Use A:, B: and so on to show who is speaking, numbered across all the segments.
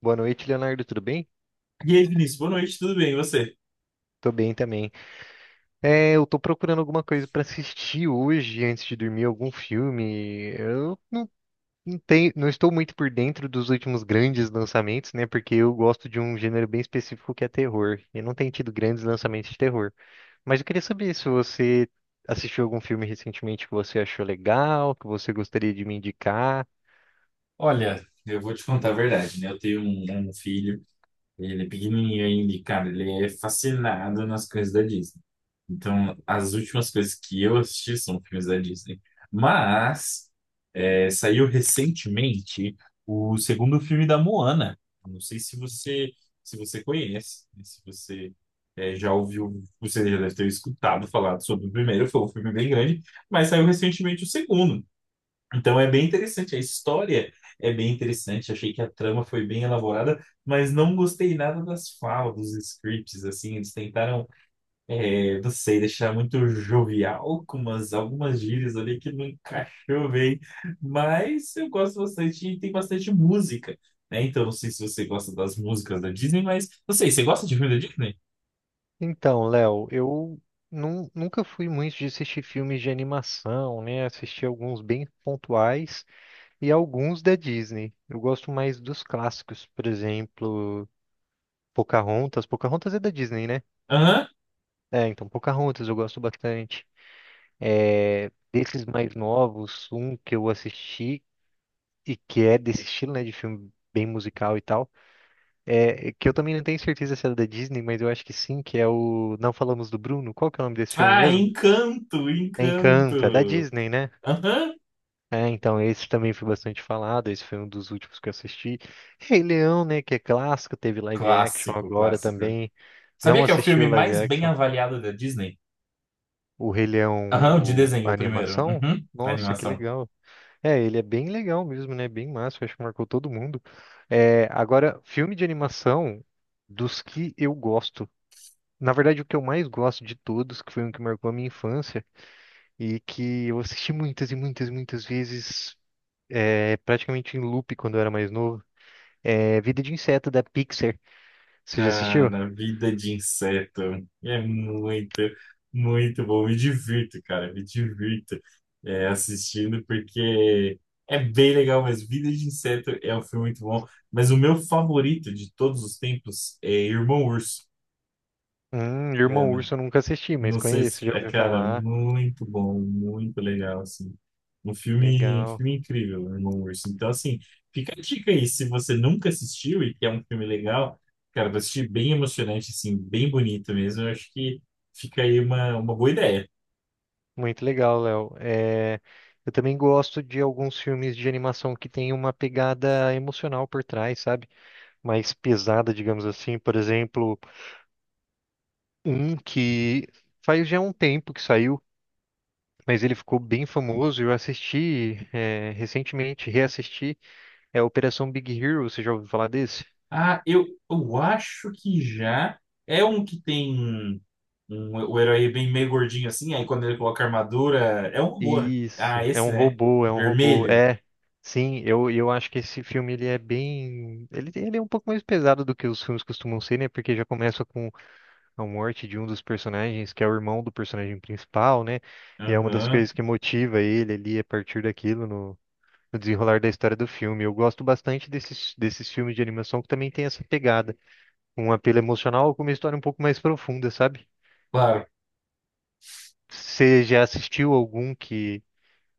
A: Boa noite, Leonardo. Tudo bem?
B: E aí, Vinícius, boa noite, tudo bem? E você?
A: Tô bem também. Eu tô procurando alguma coisa pra assistir hoje antes de dormir, algum filme. Eu não, não tenho, não estou muito por dentro dos últimos grandes lançamentos, né? Porque eu gosto de um gênero bem específico que é terror. E não tem tido grandes lançamentos de terror. Mas eu queria saber se você assistiu algum filme recentemente que você achou legal, que você gostaria de me indicar.
B: Olha, eu vou te contar a verdade, né? Eu tenho um filho, ele é pequenininho ainda, e, cara, ele é fascinado nas coisas da Disney. Então, as últimas coisas que eu assisti são filmes da Disney. Mas, saiu recentemente o segundo filme da Moana. Não sei se você conhece, né? Se você já ouviu, você já deve ter escutado falar sobre o primeiro, foi um filme bem grande, mas saiu recentemente o segundo. Então é bem interessante, a história é bem interessante, achei que a trama foi bem elaborada, mas não gostei nada das falas, dos scripts, assim, eles tentaram, não sei, deixar muito jovial com algumas gírias ali que não encaixou bem, mas eu gosto bastante e tem bastante música, né? Então não sei se você gosta das músicas da Disney, mas não sei, você gosta de filme da Disney?
A: Então, Léo, eu nunca fui muito de assistir filmes de animação, né? Assisti alguns bem pontuais e alguns da Disney. Eu gosto mais dos clássicos, por exemplo, Pocahontas. Pocahontas é da Disney, né?
B: Aham.
A: É, então, Pocahontas eu gosto bastante. É, desses mais novos, um que eu assisti e que é desse estilo, né, de filme bem musical e tal, é que eu também não tenho certeza se é da Disney, mas eu acho que sim, que é o Não Falamos do Bruno. Qual que é o nome desse filme
B: Ah,
A: mesmo? Encanto, é da
B: Encanto.
A: Disney, né?
B: Aham.
A: É, então esse também foi bastante falado, esse foi um dos últimos que eu assisti. Rei Leão, né, que é clássico, teve live action
B: Clássico,
A: agora
B: clássico.
A: também. Não
B: Sabia que é o
A: assisti
B: filme
A: o live
B: mais bem
A: action,
B: avaliado da Disney?
A: o Rei Leão,
B: Aham, o de desenho,
A: a
B: o primeiro.
A: animação.
B: Uhum, a
A: Nossa, que
B: animação.
A: legal. É, ele é bem legal mesmo, né? Bem massa, acho que marcou todo mundo. É, agora, filme de animação dos que eu gosto. Na verdade, o que eu mais gosto de todos, que foi um que marcou a minha infância e que eu assisti muitas e muitas e muitas vezes é, praticamente em loop quando eu era mais novo. É Vida de Inseto da Pixar. Você já assistiu?
B: Cara, vida de inseto. É muito bom. Me divirto, cara. Me divirto assistindo, porque é bem legal, mas Vida de Inseto é um filme muito bom. Mas o meu favorito de todos os tempos é Irmão Urso. É,
A: Irmão Urso eu nunca assisti, mas
B: não sei se...
A: conheço, já
B: É,
A: ouvi
B: cara,
A: falar.
B: muito bom, muito legal, assim. Um
A: Legal.
B: filme incrível, Irmão Urso. Então, assim, fica a dica aí. Se você nunca assistiu e quer um filme legal, cara, vai assistir bem emocionante, assim, bem bonito mesmo. Eu acho que fica aí uma boa ideia.
A: Muito legal, Léo. É, eu também gosto de alguns filmes de animação que tem uma pegada emocional por trás, sabe? Mais pesada, digamos assim. Por exemplo, um que faz já um tempo que saiu, mas ele ficou bem famoso. Eu assisti, é, recentemente, reassisti, é Operação Big Hero. Você já ouviu falar desse?
B: Ah, eu acho que já é um que tem um, o herói bem meio gordinho, assim, aí quando ele coloca a armadura, é um robô, né? Ah,
A: Isso, é
B: esse,
A: um
B: né?
A: robô, é um robô.
B: Vermelho.
A: É, sim, eu acho que esse filme ele é bem. Ele é um pouco mais pesado do que os filmes costumam ser, né? Porque já começa com a morte de um dos personagens, que é o irmão do personagem principal, né? E é uma das
B: Aham.
A: coisas que motiva ele ali a partir daquilo no desenrolar da história do filme. Eu gosto bastante desses filmes de animação que também tem essa pegada, um apelo emocional com uma história um pouco mais profunda, sabe?
B: Claro.
A: Você já assistiu algum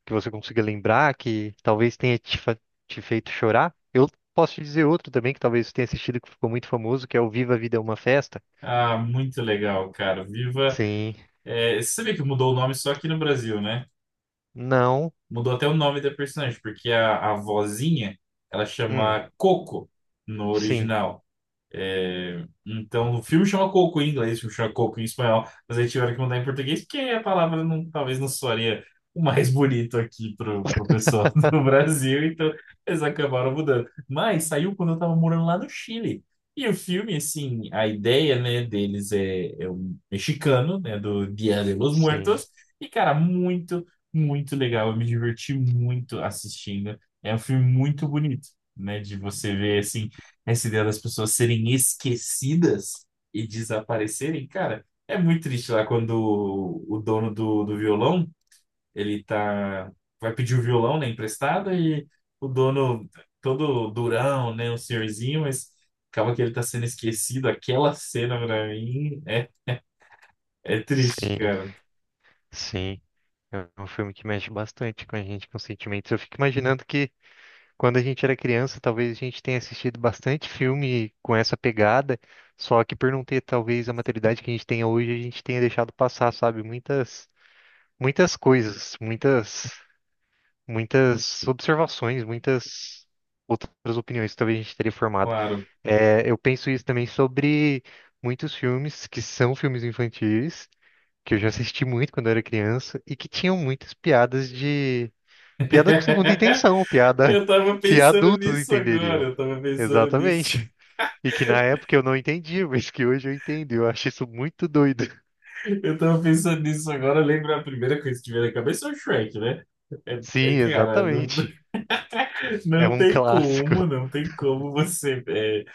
A: que você consiga lembrar, que talvez tenha te, te feito chorar. Eu posso te dizer outro também que talvez você tenha assistido que ficou muito famoso, que é o Viva a Vida é uma Festa.
B: Ah, muito legal, cara. Viva.
A: Sim.
B: É, você sabia que mudou o nome só aqui no Brasil, né?
A: Não.
B: Mudou até o nome da personagem, porque a vozinha ela
A: Hum.
B: chama Coco no
A: Sim.
B: original. É, então, o filme chama Coco em inglês, o filme chama Coco em espanhol, mas aí tiveram que mandar em português, porque a palavra talvez não soaria o mais bonito aqui pro pessoal do Brasil, então eles acabaram mudando. Mas saiu quando eu tava morando lá no Chile. E o filme, assim, a ideia, né, deles é um mexicano, né, do Dia de los
A: Sim.
B: Muertos, e, cara, muito, muito legal, eu me diverti muito assistindo. É um filme muito bonito, né, de você ver, assim, essa ideia das pessoas serem esquecidas e desaparecerem, cara, é muito triste lá quando o dono do violão, ele tá, vai pedir o violão, né, emprestado, e o dono, todo durão, né, um senhorzinho, mas acaba que ele tá sendo esquecido. Aquela cena pra mim é triste,
A: Sim.
B: cara,
A: Sim. É um filme que mexe bastante com a gente, com sentimentos. Eu fico imaginando que quando a gente era criança, talvez a gente tenha assistido bastante filme com essa pegada, só que por não ter talvez a maturidade que a gente tenha hoje, a gente tenha deixado passar, sabe? Muitas coisas, muitas, muitas observações, muitas outras opiniões que talvez a gente teria formado.
B: claro.
A: É, eu penso isso também sobre muitos filmes que são filmes infantis, que eu já assisti muito quando eu era criança, e que tinham muitas piadas de... Piada com segunda intenção, piada
B: Eu tava
A: que
B: pensando
A: adultos
B: nisso agora,
A: entenderiam.
B: eu tava pensando nisso.
A: Exatamente. E que na época eu não entendia, mas que hoje eu entendo. Eu acho isso muito doido.
B: Eu tava pensando nisso agora, lembra a primeira coisa que me veio na cabeça é o Shrek, né?
A: Sim,
B: Cara, não,
A: exatamente. É
B: não
A: um
B: tem
A: clássico.
B: como, não tem como você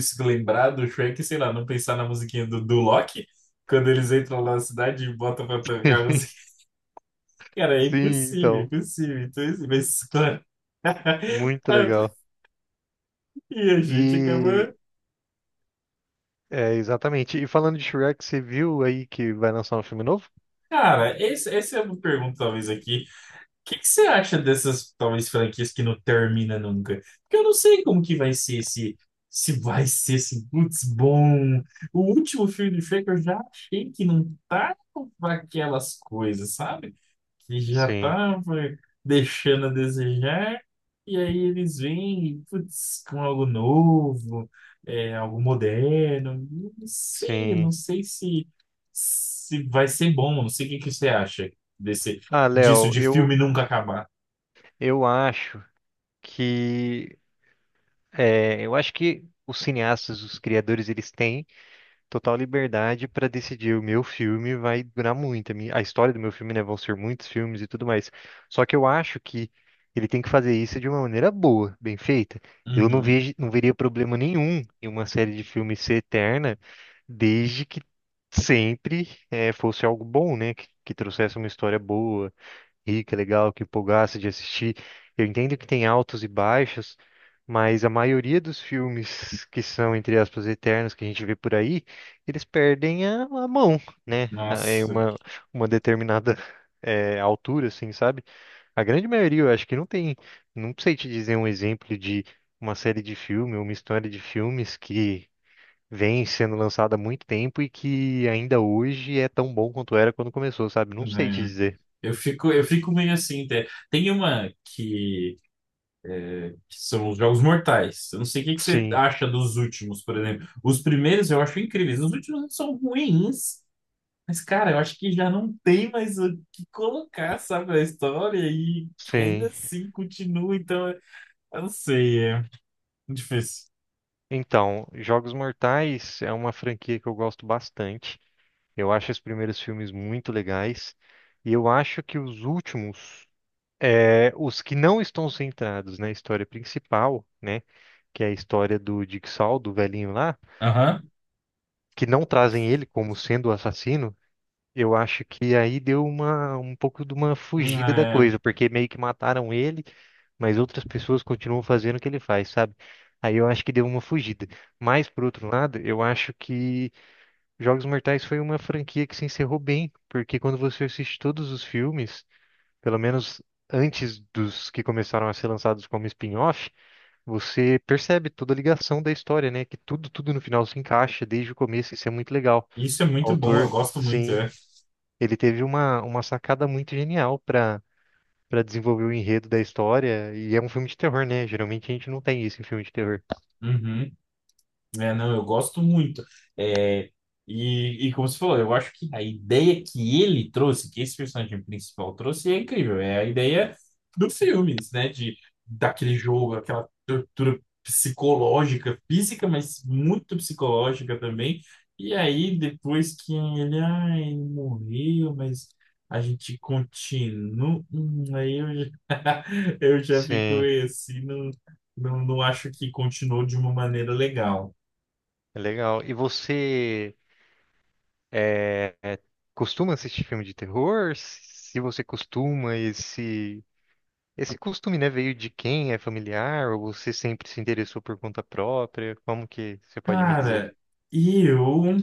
B: se lembrar do Shrek, sei lá, não pensar na musiquinha do Loki, quando eles entram lá na cidade e botam pra tocar a música. Cara, é
A: Sim,
B: impossível,
A: então,
B: impossível. Então, assim, mas, claro.
A: muito legal.
B: E a gente acaba.
A: E é exatamente. E falando de Shrek, você viu aí que vai lançar um filme novo?
B: Cara, essa é uma pergunta, talvez, aqui. O que que você acha dessas, talvez, franquias que não termina nunca? Porque eu não sei como que vai ser esse... Se vai ser esse, putz, bom. O último filme do Shrek eu já achei que não tá com aquelas coisas, sabe? Que já
A: Sim,
B: estava deixando a desejar, e aí eles vêm, putz, com algo novo, algo moderno. Não
A: sim.
B: sei se, se vai ser bom. Não sei o que que você acha desse,
A: Ah,
B: disso
A: Léo,
B: de filme nunca acabar.
A: eu acho que é, eu acho que os cineastas, os criadores, eles têm total liberdade para decidir o meu filme vai durar muito. A minha- a história do meu filme, né? Vão ser muitos filmes e tudo mais. Só que eu acho que ele tem que fazer isso de uma maneira boa, bem feita. Eu não
B: Uhum.
A: vejo, não veria problema nenhum em uma série de filmes ser eterna, desde que sempre fosse algo bom, né? Que trouxesse uma história boa Rica, legal, que empolgasse de assistir. Eu entendo que tem altos e baixos, mas a maioria dos filmes que são, entre aspas, eternos que a gente vê por aí, eles perdem a mão, né? É
B: Nossa,
A: uma determinada altura, assim, sabe? A grande maioria, eu acho que não tem. Não sei te dizer um exemplo de uma série de filme, uma história de filmes que vem sendo lançada há muito tempo e que ainda hoje é tão bom quanto era quando começou, sabe? Não sei te
B: né?
A: dizer.
B: Eu fico meio assim, até. Tem uma que são os Jogos Mortais. Eu não sei o que que você
A: Sim.
B: acha dos últimos, por exemplo. Os primeiros eu acho incríveis, os últimos são ruins, mas, cara, eu acho que já não tem mais o que colocar, sabe, a história e que ainda
A: Sim.
B: assim continua, então, eu não sei, é difícil.
A: Então, Jogos Mortais é uma franquia que eu gosto bastante. Eu acho os primeiros filmes muito legais. E eu acho que os últimos, é, os que não estão centrados na história principal, né? Que é a história do Jigsaw, do velhinho lá,
B: Aham.
A: que não trazem ele como sendo o assassino. Eu acho que aí deu uma, um pouco de uma fugida da
B: É,
A: coisa, porque meio que mataram ele, mas outras pessoas continuam fazendo o que ele faz, sabe? Aí eu acho que deu uma fugida. Mas, por outro lado, eu acho que Jogos Mortais foi uma franquia que se encerrou bem, porque quando você assiste todos os filmes, pelo menos antes dos que começaram a ser lançados como spin-off, você percebe toda a ligação da história, né? Que tudo, tudo no final se encaixa desde o começo, isso é muito legal.
B: isso é
A: O
B: muito bom, eu
A: autor,
B: gosto muito,
A: sim
B: é.
A: ele teve uma sacada muito genial para para desenvolver o enredo da história. E é um filme de terror, né? Geralmente a gente não tem isso em filme de terror.
B: Uhum. É, não, eu gosto muito. É, e como você falou, eu acho que a ideia que ele trouxe, que esse personagem principal trouxe, é incrível. É a ideia do filme, né? De, daquele jogo, aquela tortura psicológica, física, mas muito psicológica também. E aí, depois que ele, ai, morreu, mas a gente continua. Aí eu já, eu já fico
A: Sim,
B: assim não, não, não acho que continuou de uma maneira legal.
A: é legal. E você é, é, costuma assistir filme de terror? Se você costuma, esse costume, né, veio de quem? É familiar? Ou você sempre se interessou por conta própria? Como que você pode me dizer?
B: Cara, eu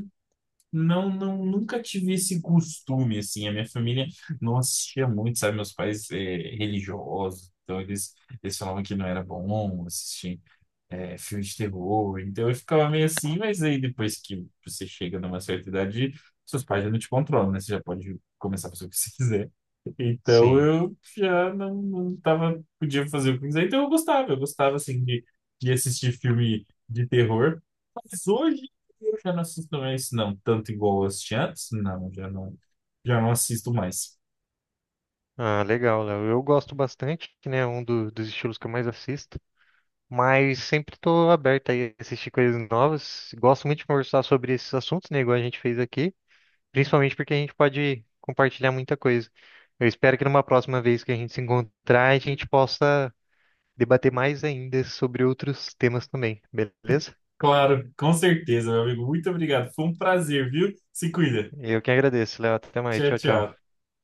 B: não, não nunca tive esse costume, assim. A minha família não assistia muito, sabe? Meus pais religiosos, então eles falavam que não era bom assistir filmes de terror. Então eu ficava meio assim, mas aí depois que você chega numa certa idade, seus pais já não te controlam, né? Você já pode começar a fazer o que você quiser. Então
A: Sim.
B: eu já não, não tava, podia fazer o que quiser. Então eu gostava assim de assistir filme de terror. Mas hoje eu já não assisto mais, não, tanto igual eu assisti antes, não, já não assisto mais.
A: Ah, legal, Léo. Eu gosto bastante, né? Um dos estilos que eu mais assisto. Mas sempre tô aberto aí a assistir coisas novas. Gosto muito de conversar sobre esses assuntos, né, igual a gente fez aqui, principalmente porque a gente pode compartilhar muita coisa. Eu espero que numa próxima vez que a gente se encontrar, a gente possa debater mais ainda sobre outros temas também, beleza?
B: Claro, com certeza, meu amigo. Muito obrigado. Foi um prazer, viu? Se cuida.
A: Eu que agradeço, Léo. Até mais.
B: Tchau,
A: Tchau, tchau.
B: tchau.